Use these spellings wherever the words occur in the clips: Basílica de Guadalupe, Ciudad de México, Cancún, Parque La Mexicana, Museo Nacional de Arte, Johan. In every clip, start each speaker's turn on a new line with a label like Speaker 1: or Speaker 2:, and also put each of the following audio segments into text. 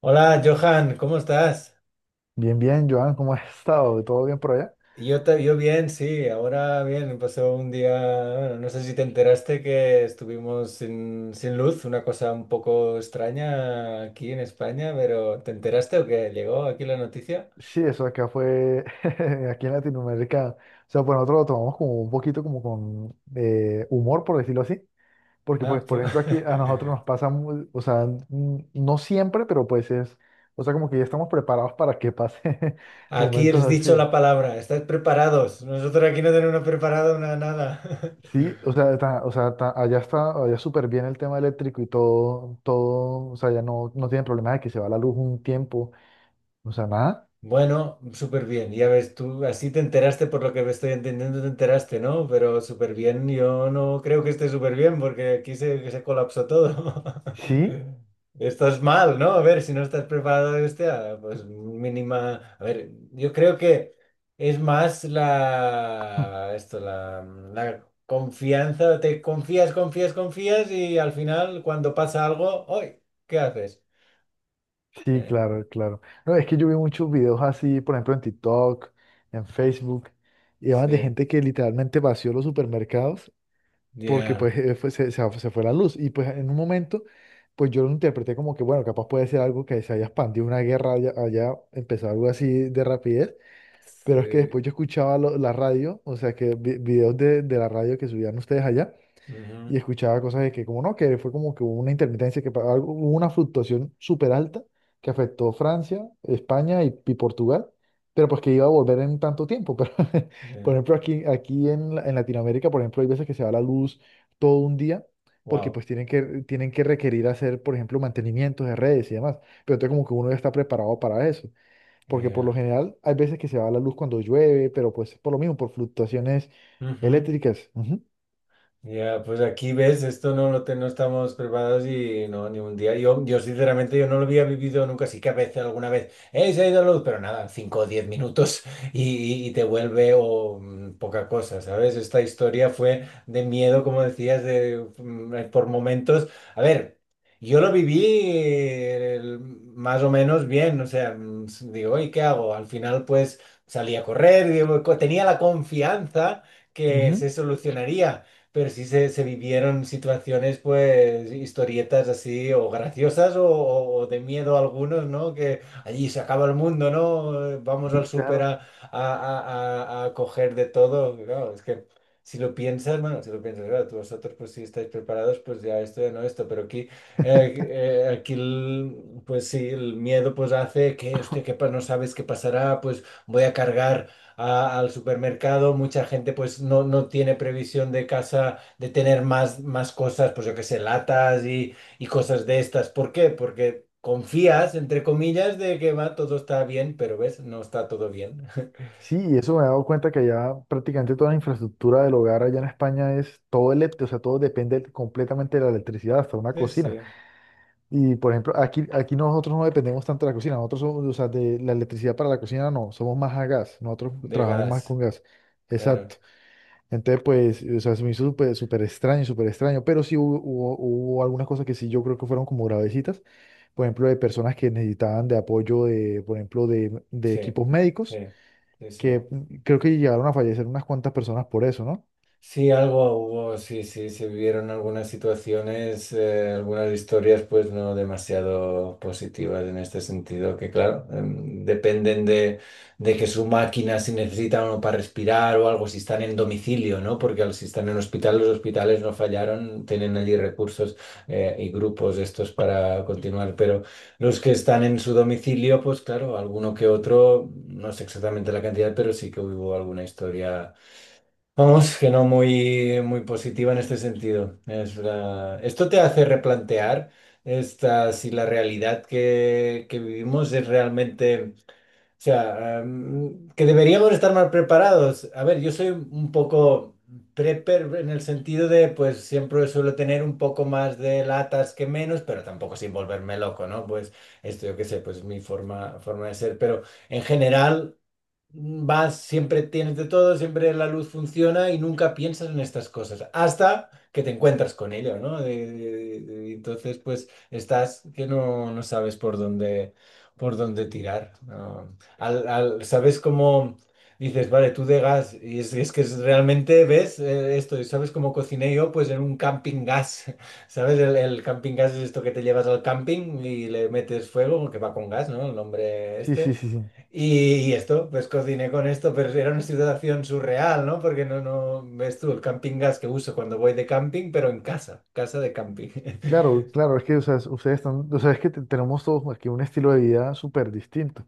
Speaker 1: Hola, Johan, ¿cómo estás?
Speaker 2: Bien, bien, Joan, ¿cómo has estado? ¿Todo bien por allá?
Speaker 1: Yo bien, sí, ahora bien, pasó un día, bueno, no sé si te enteraste que estuvimos sin luz, una cosa un poco extraña aquí en España, pero ¿te enteraste o qué? ¿Llegó aquí la noticia?
Speaker 2: Sí, eso acá fue, aquí en Latinoamérica, o sea, pues nosotros lo tomamos como un poquito como con humor, por decirlo así, porque
Speaker 1: Ah,
Speaker 2: pues, por
Speaker 1: pu-
Speaker 2: ejemplo, aquí a nosotros nos pasa, no siempre, pero pues es, o sea, como que ya estamos preparados para que pase
Speaker 1: Aquí
Speaker 2: momentos
Speaker 1: has dicho
Speaker 2: así.
Speaker 1: la palabra, estáis preparados, nosotros aquí no tenemos preparado nada.
Speaker 2: Sí, o sea, allá está, allá súper bien el tema eléctrico y todo, todo, o sea, ya no, no tienen problema de que se va la luz un tiempo, o sea, nada,
Speaker 1: Bueno, súper bien. Ya ves, tú así te enteraste por lo que me estoy entendiendo, te enteraste, ¿no? Pero súper bien, yo no creo que esté súper bien porque aquí se colapsó todo.
Speaker 2: sí.
Speaker 1: Estás mal, ¿no? A ver, si no estás preparado, hostia, pues mínima. A ver, yo creo que es más la confianza. Te confías, confías, confías y al final cuando pasa algo, ¡ay! ¿Qué haces?
Speaker 2: Sí,
Speaker 1: Eh,
Speaker 2: claro, claro. No, es que yo vi muchos videos así, por ejemplo, en TikTok, en Facebook, y hablan de
Speaker 1: sí,
Speaker 2: gente que literalmente vació los supermercados porque
Speaker 1: ya.
Speaker 2: pues se fue la luz. Y pues en un momento, pues yo lo interpreté como que, bueno, capaz puede ser algo que se haya expandido una guerra allá, allá, empezó algo así de rapidez, pero es que después
Speaker 1: Sí.
Speaker 2: yo escuchaba la radio, o sea, que videos de la radio que subían ustedes allá y
Speaker 1: Hmm.
Speaker 2: escuchaba cosas de que, como no, que fue como que hubo una intermitencia, que hubo una fluctuación súper alta que afectó Francia, España y Portugal, pero pues que iba a volver en tanto tiempo. Pero,
Speaker 1: Yeah.
Speaker 2: por ejemplo, aquí en Latinoamérica, por ejemplo, hay veces que se va la luz todo un día. Porque
Speaker 1: Wow.
Speaker 2: pues tienen que requerir hacer, por ejemplo, mantenimientos de redes y demás. Pero entonces como que uno ya está preparado para eso, porque por
Speaker 1: Yeah.
Speaker 2: lo general hay veces que se va la luz cuando llueve, pero pues por lo mismo, por fluctuaciones
Speaker 1: Hmm.
Speaker 2: eléctricas. Ujú,
Speaker 1: Ya, pues aquí ves, esto no estamos preparados y no, ni un día. Yo sinceramente, yo no lo había vivido nunca, sí que a veces, alguna vez, ¡eh, se ha ido la luz! Pero nada, 5 o 10 minutos y, y te vuelve o poca cosa, ¿sabes? Esta historia fue de miedo, como decías, por momentos. A ver, yo lo viví más o menos bien, o sea, digo, ¿y qué hago? Al final, pues salí a correr, digo, tenía la confianza que
Speaker 2: ujú.
Speaker 1: se solucionaría, pero sí se vivieron situaciones, pues, historietas así, o graciosas, o de miedo a algunos, ¿no? Que allí se acaba el mundo, ¿no? Vamos al
Speaker 2: Sí,
Speaker 1: súper
Speaker 2: claro.
Speaker 1: a coger de todo. Claro, es que si lo piensas, bueno, si lo piensas, claro, tú vosotros, pues, si estáis preparados, pues ya esto, ya no esto, pero aquí, aquí, pues sí, el miedo, pues, hace que, hostia, que no sabes qué pasará, pues, voy a cargar al supermercado, mucha gente pues no, no tiene previsión de casa de tener más, más cosas, pues yo qué sé, latas y cosas de estas. ¿Por qué? Porque confías, entre comillas, de que va, todo está bien, pero ves, no está todo bien.
Speaker 2: Sí, y eso me he dado cuenta que ya prácticamente toda la infraestructura del hogar allá en España es todo eléctrico, o sea, todo depende completamente de la electricidad, hasta una
Speaker 1: Sí,
Speaker 2: cocina.
Speaker 1: sí,
Speaker 2: Y por ejemplo, aquí nosotros no dependemos tanto de la cocina, nosotros somos, o sea, de la electricidad para la cocina no, somos más a gas, nosotros
Speaker 1: de
Speaker 2: trabajamos más
Speaker 1: gas,
Speaker 2: con gas.
Speaker 1: claro.
Speaker 2: Exacto. Entonces, pues, o sea, se me hizo súper súper extraño, pero sí hubo algunas cosas que sí yo creo que fueron como gravecitas, por ejemplo, de personas que necesitaban de apoyo de, por ejemplo, de
Speaker 1: Sí,
Speaker 2: equipos
Speaker 1: sí,
Speaker 2: médicos
Speaker 1: sí, sí.
Speaker 2: que creo que llegaron a fallecer unas cuantas personas por eso, ¿no?
Speaker 1: Sí, algo hubo, sí, sí, se vivieron algunas situaciones, algunas historias pues no demasiado positivas en este sentido, que claro, dependen de que su máquina si necesita uno para respirar o algo, si están en domicilio, ¿no? Porque si están en hospital, los hospitales no fallaron, tienen allí recursos y grupos estos para continuar, pero los que están en su domicilio, pues claro, alguno que otro, no sé exactamente la cantidad, pero sí que hubo alguna historia. Vamos, que no muy, muy positiva en este sentido. Esto te hace replantear esta, si la realidad que vivimos es realmente, o sea, que deberíamos estar más preparados. A ver, yo soy un poco prepper en el sentido de, pues siempre suelo tener un poco más de latas que menos, pero tampoco sin volverme loco, ¿no? Pues esto yo qué sé, pues mi forma de ser, pero en general vas, siempre tienes de todo, siempre la luz funciona y nunca piensas en estas cosas, hasta que te encuentras con ello, ¿no? Entonces, pues estás que no, no sabes por dónde tirar, ¿no? Sabes cómo dices, vale, tú de gas, y es que es realmente ves esto, y sabes cómo cociné yo, pues en un camping gas, ¿sabes? El camping gas es esto que te llevas al camping y le metes fuego, que va con gas, ¿no? El nombre
Speaker 2: Sí,
Speaker 1: este.
Speaker 2: sí, sí, sí.
Speaker 1: Y esto, pues cociné con esto, pero era una situación surreal, ¿no? Porque no, no, ves tú el camping gas que uso cuando voy de camping, pero en casa, casa de camping.
Speaker 2: Claro, claro, es que o sea, ustedes están, o sea, es que tenemos todos aquí un estilo de vida súper distinto.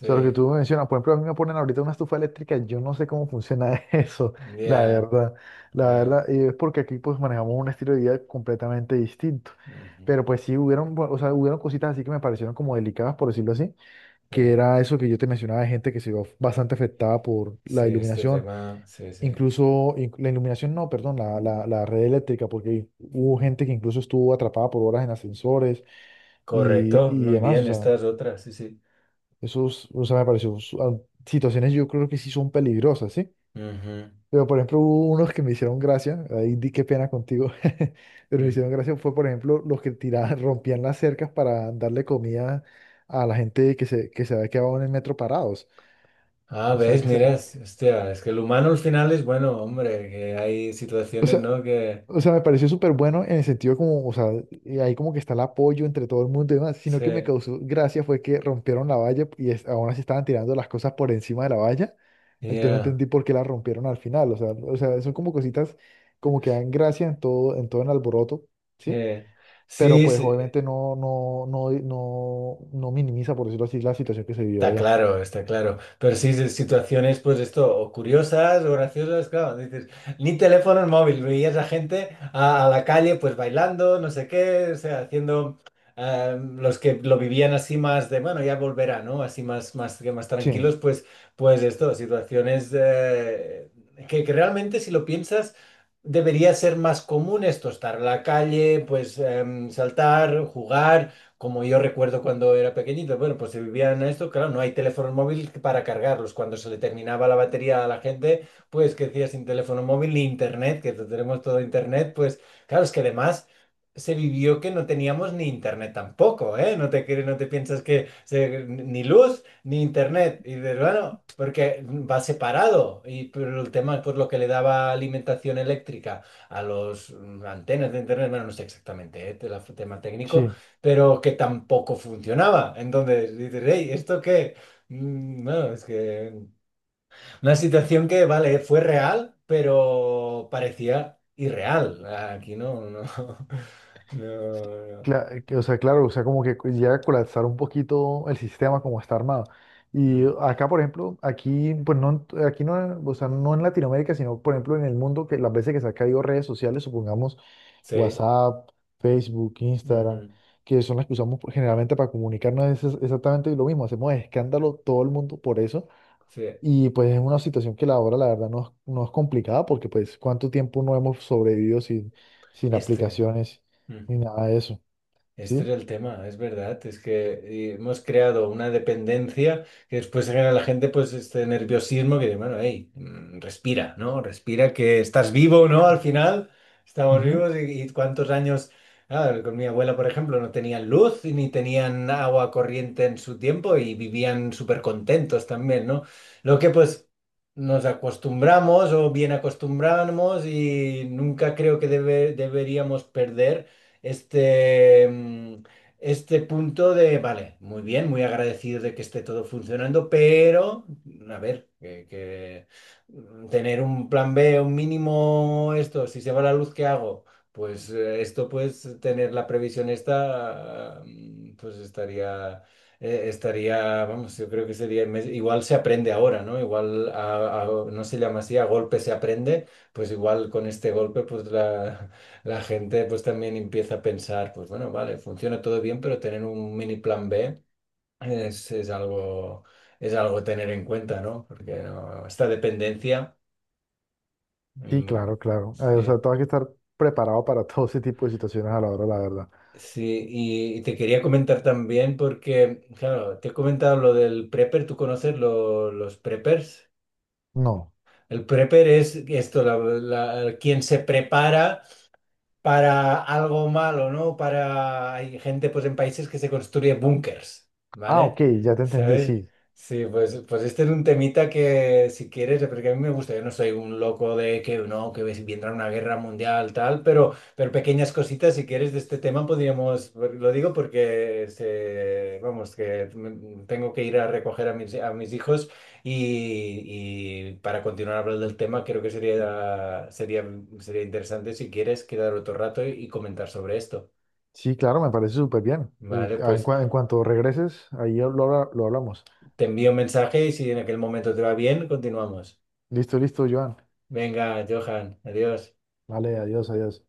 Speaker 2: O sea, lo que tú mencionas, por ejemplo, a mí me ponen ahorita una estufa eléctrica, yo no sé cómo funciona eso, la
Speaker 1: ya,
Speaker 2: verdad, la
Speaker 1: ya.
Speaker 2: verdad, y es porque aquí pues manejamos un estilo de vida completamente distinto.
Speaker 1: Ujú.
Speaker 2: Pero pues sí hubieron, o sea, hubieron cositas así que me parecieron como delicadas, por decirlo así,
Speaker 1: Sí,
Speaker 2: que era eso que yo te mencionaba de gente que se vio bastante afectada por
Speaker 1: sí,
Speaker 2: la
Speaker 1: este
Speaker 2: iluminación.
Speaker 1: tema, sí, sí.
Speaker 2: Incluso la iluminación, no, perdón, la red eléctrica, porque hubo
Speaker 1: Mm.
Speaker 2: gente que incluso estuvo atrapada por horas en ascensores y,
Speaker 1: Correcto,
Speaker 2: y
Speaker 1: muy
Speaker 2: demás, o
Speaker 1: bien, esta
Speaker 2: sea,
Speaker 1: es otra, sí, sí.
Speaker 2: esos, o sea, me pareció, situaciones yo creo que sí son peligrosas, ¿sí?
Speaker 1: Ujú.
Speaker 2: Pero por ejemplo, hubo unos que me hicieron gracia, ahí di qué pena contigo, pero me
Speaker 1: Mm.
Speaker 2: hicieron gracia fue, por ejemplo, los que tiraban, rompían las cercas para darle comida a la gente que se había quedado en el metro parados.
Speaker 1: Ah,
Speaker 2: O sea,
Speaker 1: ves,
Speaker 2: que se-
Speaker 1: miras, hostia, es que el humano al final es bueno, hombre, que hay
Speaker 2: o
Speaker 1: situaciones,
Speaker 2: sea,
Speaker 1: ¿no? Que,
Speaker 2: O sea, me pareció súper bueno en el sentido como, o sea, ahí como que está el apoyo entre todo el mundo y demás, sino
Speaker 1: sí,
Speaker 2: que me causó gracia fue que rompieron la valla y aún así estaban tirando las cosas por encima de la valla, entonces no
Speaker 1: ya,
Speaker 2: entendí por qué la rompieron al final, o sea, son como cositas como que dan gracia en todo el alboroto, ¿sí?
Speaker 1: eh,
Speaker 2: Pero
Speaker 1: sí,
Speaker 2: pues
Speaker 1: sí.
Speaker 2: obviamente no minimiza, por decirlo así, la situación que se vivió
Speaker 1: Está
Speaker 2: allá.
Speaker 1: claro, está claro. Pero sí, sí, situaciones, pues esto, o curiosas o graciosas, claro, dices, ni teléfono ni móvil, veías a gente a la calle, pues bailando, no sé qué, o sea, haciendo los que lo vivían así más de, bueno, ya volverá, ¿no? Así más, más, que más
Speaker 2: Sí,
Speaker 1: tranquilos, pues, pues esto, situaciones que realmente si lo piensas, debería ser más común esto, estar en la calle, pues saltar, jugar como yo recuerdo cuando era pequeñito, bueno, pues se vivían a esto, claro, no hay teléfono móvil para cargarlos. Cuando se le terminaba la batería a la gente, pues que decía sin teléfono móvil ni internet, que tenemos todo internet, pues claro, es que además se vivió que no teníamos ni internet tampoco, ¿eh? No te, no te piensas que ni luz ni internet. Y dices, bueno, porque va separado. Y pero el tema, pues lo que le daba alimentación eléctrica a los antenas de internet, bueno, no sé exactamente, ¿eh? Tema técnico
Speaker 2: sí.
Speaker 1: pero que tampoco funcionaba. Entonces dices, hey, ¿esto qué? Bueno, es que una situación que, vale, fue real, pero parecía irreal. Aquí no, no, no, no.
Speaker 2: Que, o sea, claro, o sea, como que llega a colapsar un poquito el sistema como está armado. Y
Speaker 1: Mm,
Speaker 2: acá, por ejemplo, aquí no, o sea, no en Latinoamérica, sino por ejemplo en el mundo, que las veces que se han caído redes sociales, supongamos
Speaker 1: Sí,
Speaker 2: WhatsApp, Facebook, Instagram,
Speaker 1: ujú,
Speaker 2: que son las que usamos pues, generalmente para comunicarnos, exactamente lo mismo. Hacemos escándalo todo el mundo por eso.
Speaker 1: sí,
Speaker 2: Y pues es una situación que la hora, la verdad, no, no es complicada, porque pues cuánto tiempo no hemos sobrevivido sin
Speaker 1: este.
Speaker 2: aplicaciones ni
Speaker 1: Ujú.
Speaker 2: nada de eso.
Speaker 1: Este era
Speaker 2: ¿Sí?
Speaker 1: el tema, es verdad, es que hemos creado una dependencia que después genera la gente pues este nerviosismo que dice, bueno, hey, respira, ¿no? Respira que estás vivo, ¿no? Al final estamos
Speaker 2: Ujú.
Speaker 1: vivos y cuántos años, ah, con mi abuela, por ejemplo, no tenían luz y ni tenían agua corriente en su tiempo y vivían súper contentos también, ¿no? Lo que pues nos acostumbramos o bien acostumbramos y nunca creo que deberíamos perder este, este punto de, vale, muy bien, muy agradecido de que esté todo funcionando, pero, a ver, tener un plan B, un mínimo, esto, si se va la luz, ¿qué hago? Pues esto, pues tener la previsión esta, pues estaría estaría, vamos, yo creo que sería, igual se aprende ahora, ¿no? Igual no se llama así, a golpe se aprende, pues igual con este golpe, pues la gente pues también empieza a pensar, pues bueno, vale, funciona todo bien, pero tener un mini plan B es, es algo, es algo a tener en cuenta, ¿no? Porque no, esta dependencia,
Speaker 2: Sí,
Speaker 1: mm,
Speaker 2: claro, claro. O sea,
Speaker 1: sí.
Speaker 2: tú hay que estar preparado para todo ese tipo de situaciones a la hora, de la verdad.
Speaker 1: Sí, y te quería comentar también porque, claro, te he comentado lo del prepper, ¿tú conoces los preppers?
Speaker 2: No.
Speaker 1: El prepper es esto, quien se prepara para algo malo, ¿no? Para... Hay gente, pues, en países que se construye búnkers,
Speaker 2: Ah, ok,
Speaker 1: ¿vale?
Speaker 2: ya te entendí,
Speaker 1: ¿Sabes?
Speaker 2: sí.
Speaker 1: Sí, pues, pues este es un temita que, si quieres, porque a mí me gusta, yo no soy un loco de que, no, que vendrá una guerra mundial, tal, pero pequeñas cositas, si quieres, de este tema podríamos, pues, lo digo porque, se, vamos, que tengo que ir a recoger a mis hijos. Y para continuar hablando del tema, creo que sería interesante si quieres quedar otro rato y comentar sobre esto.
Speaker 2: Sí, claro, me parece súper bien.
Speaker 1: Vale, pues
Speaker 2: En cuanto regreses, ahí lo, lo hablamos.
Speaker 1: te envío un mensaje y si en aquel momento te va bien, continuamos.
Speaker 2: Listo, listo, Joan.
Speaker 1: Venga, Johan, adiós.
Speaker 2: Vale, adiós, adiós.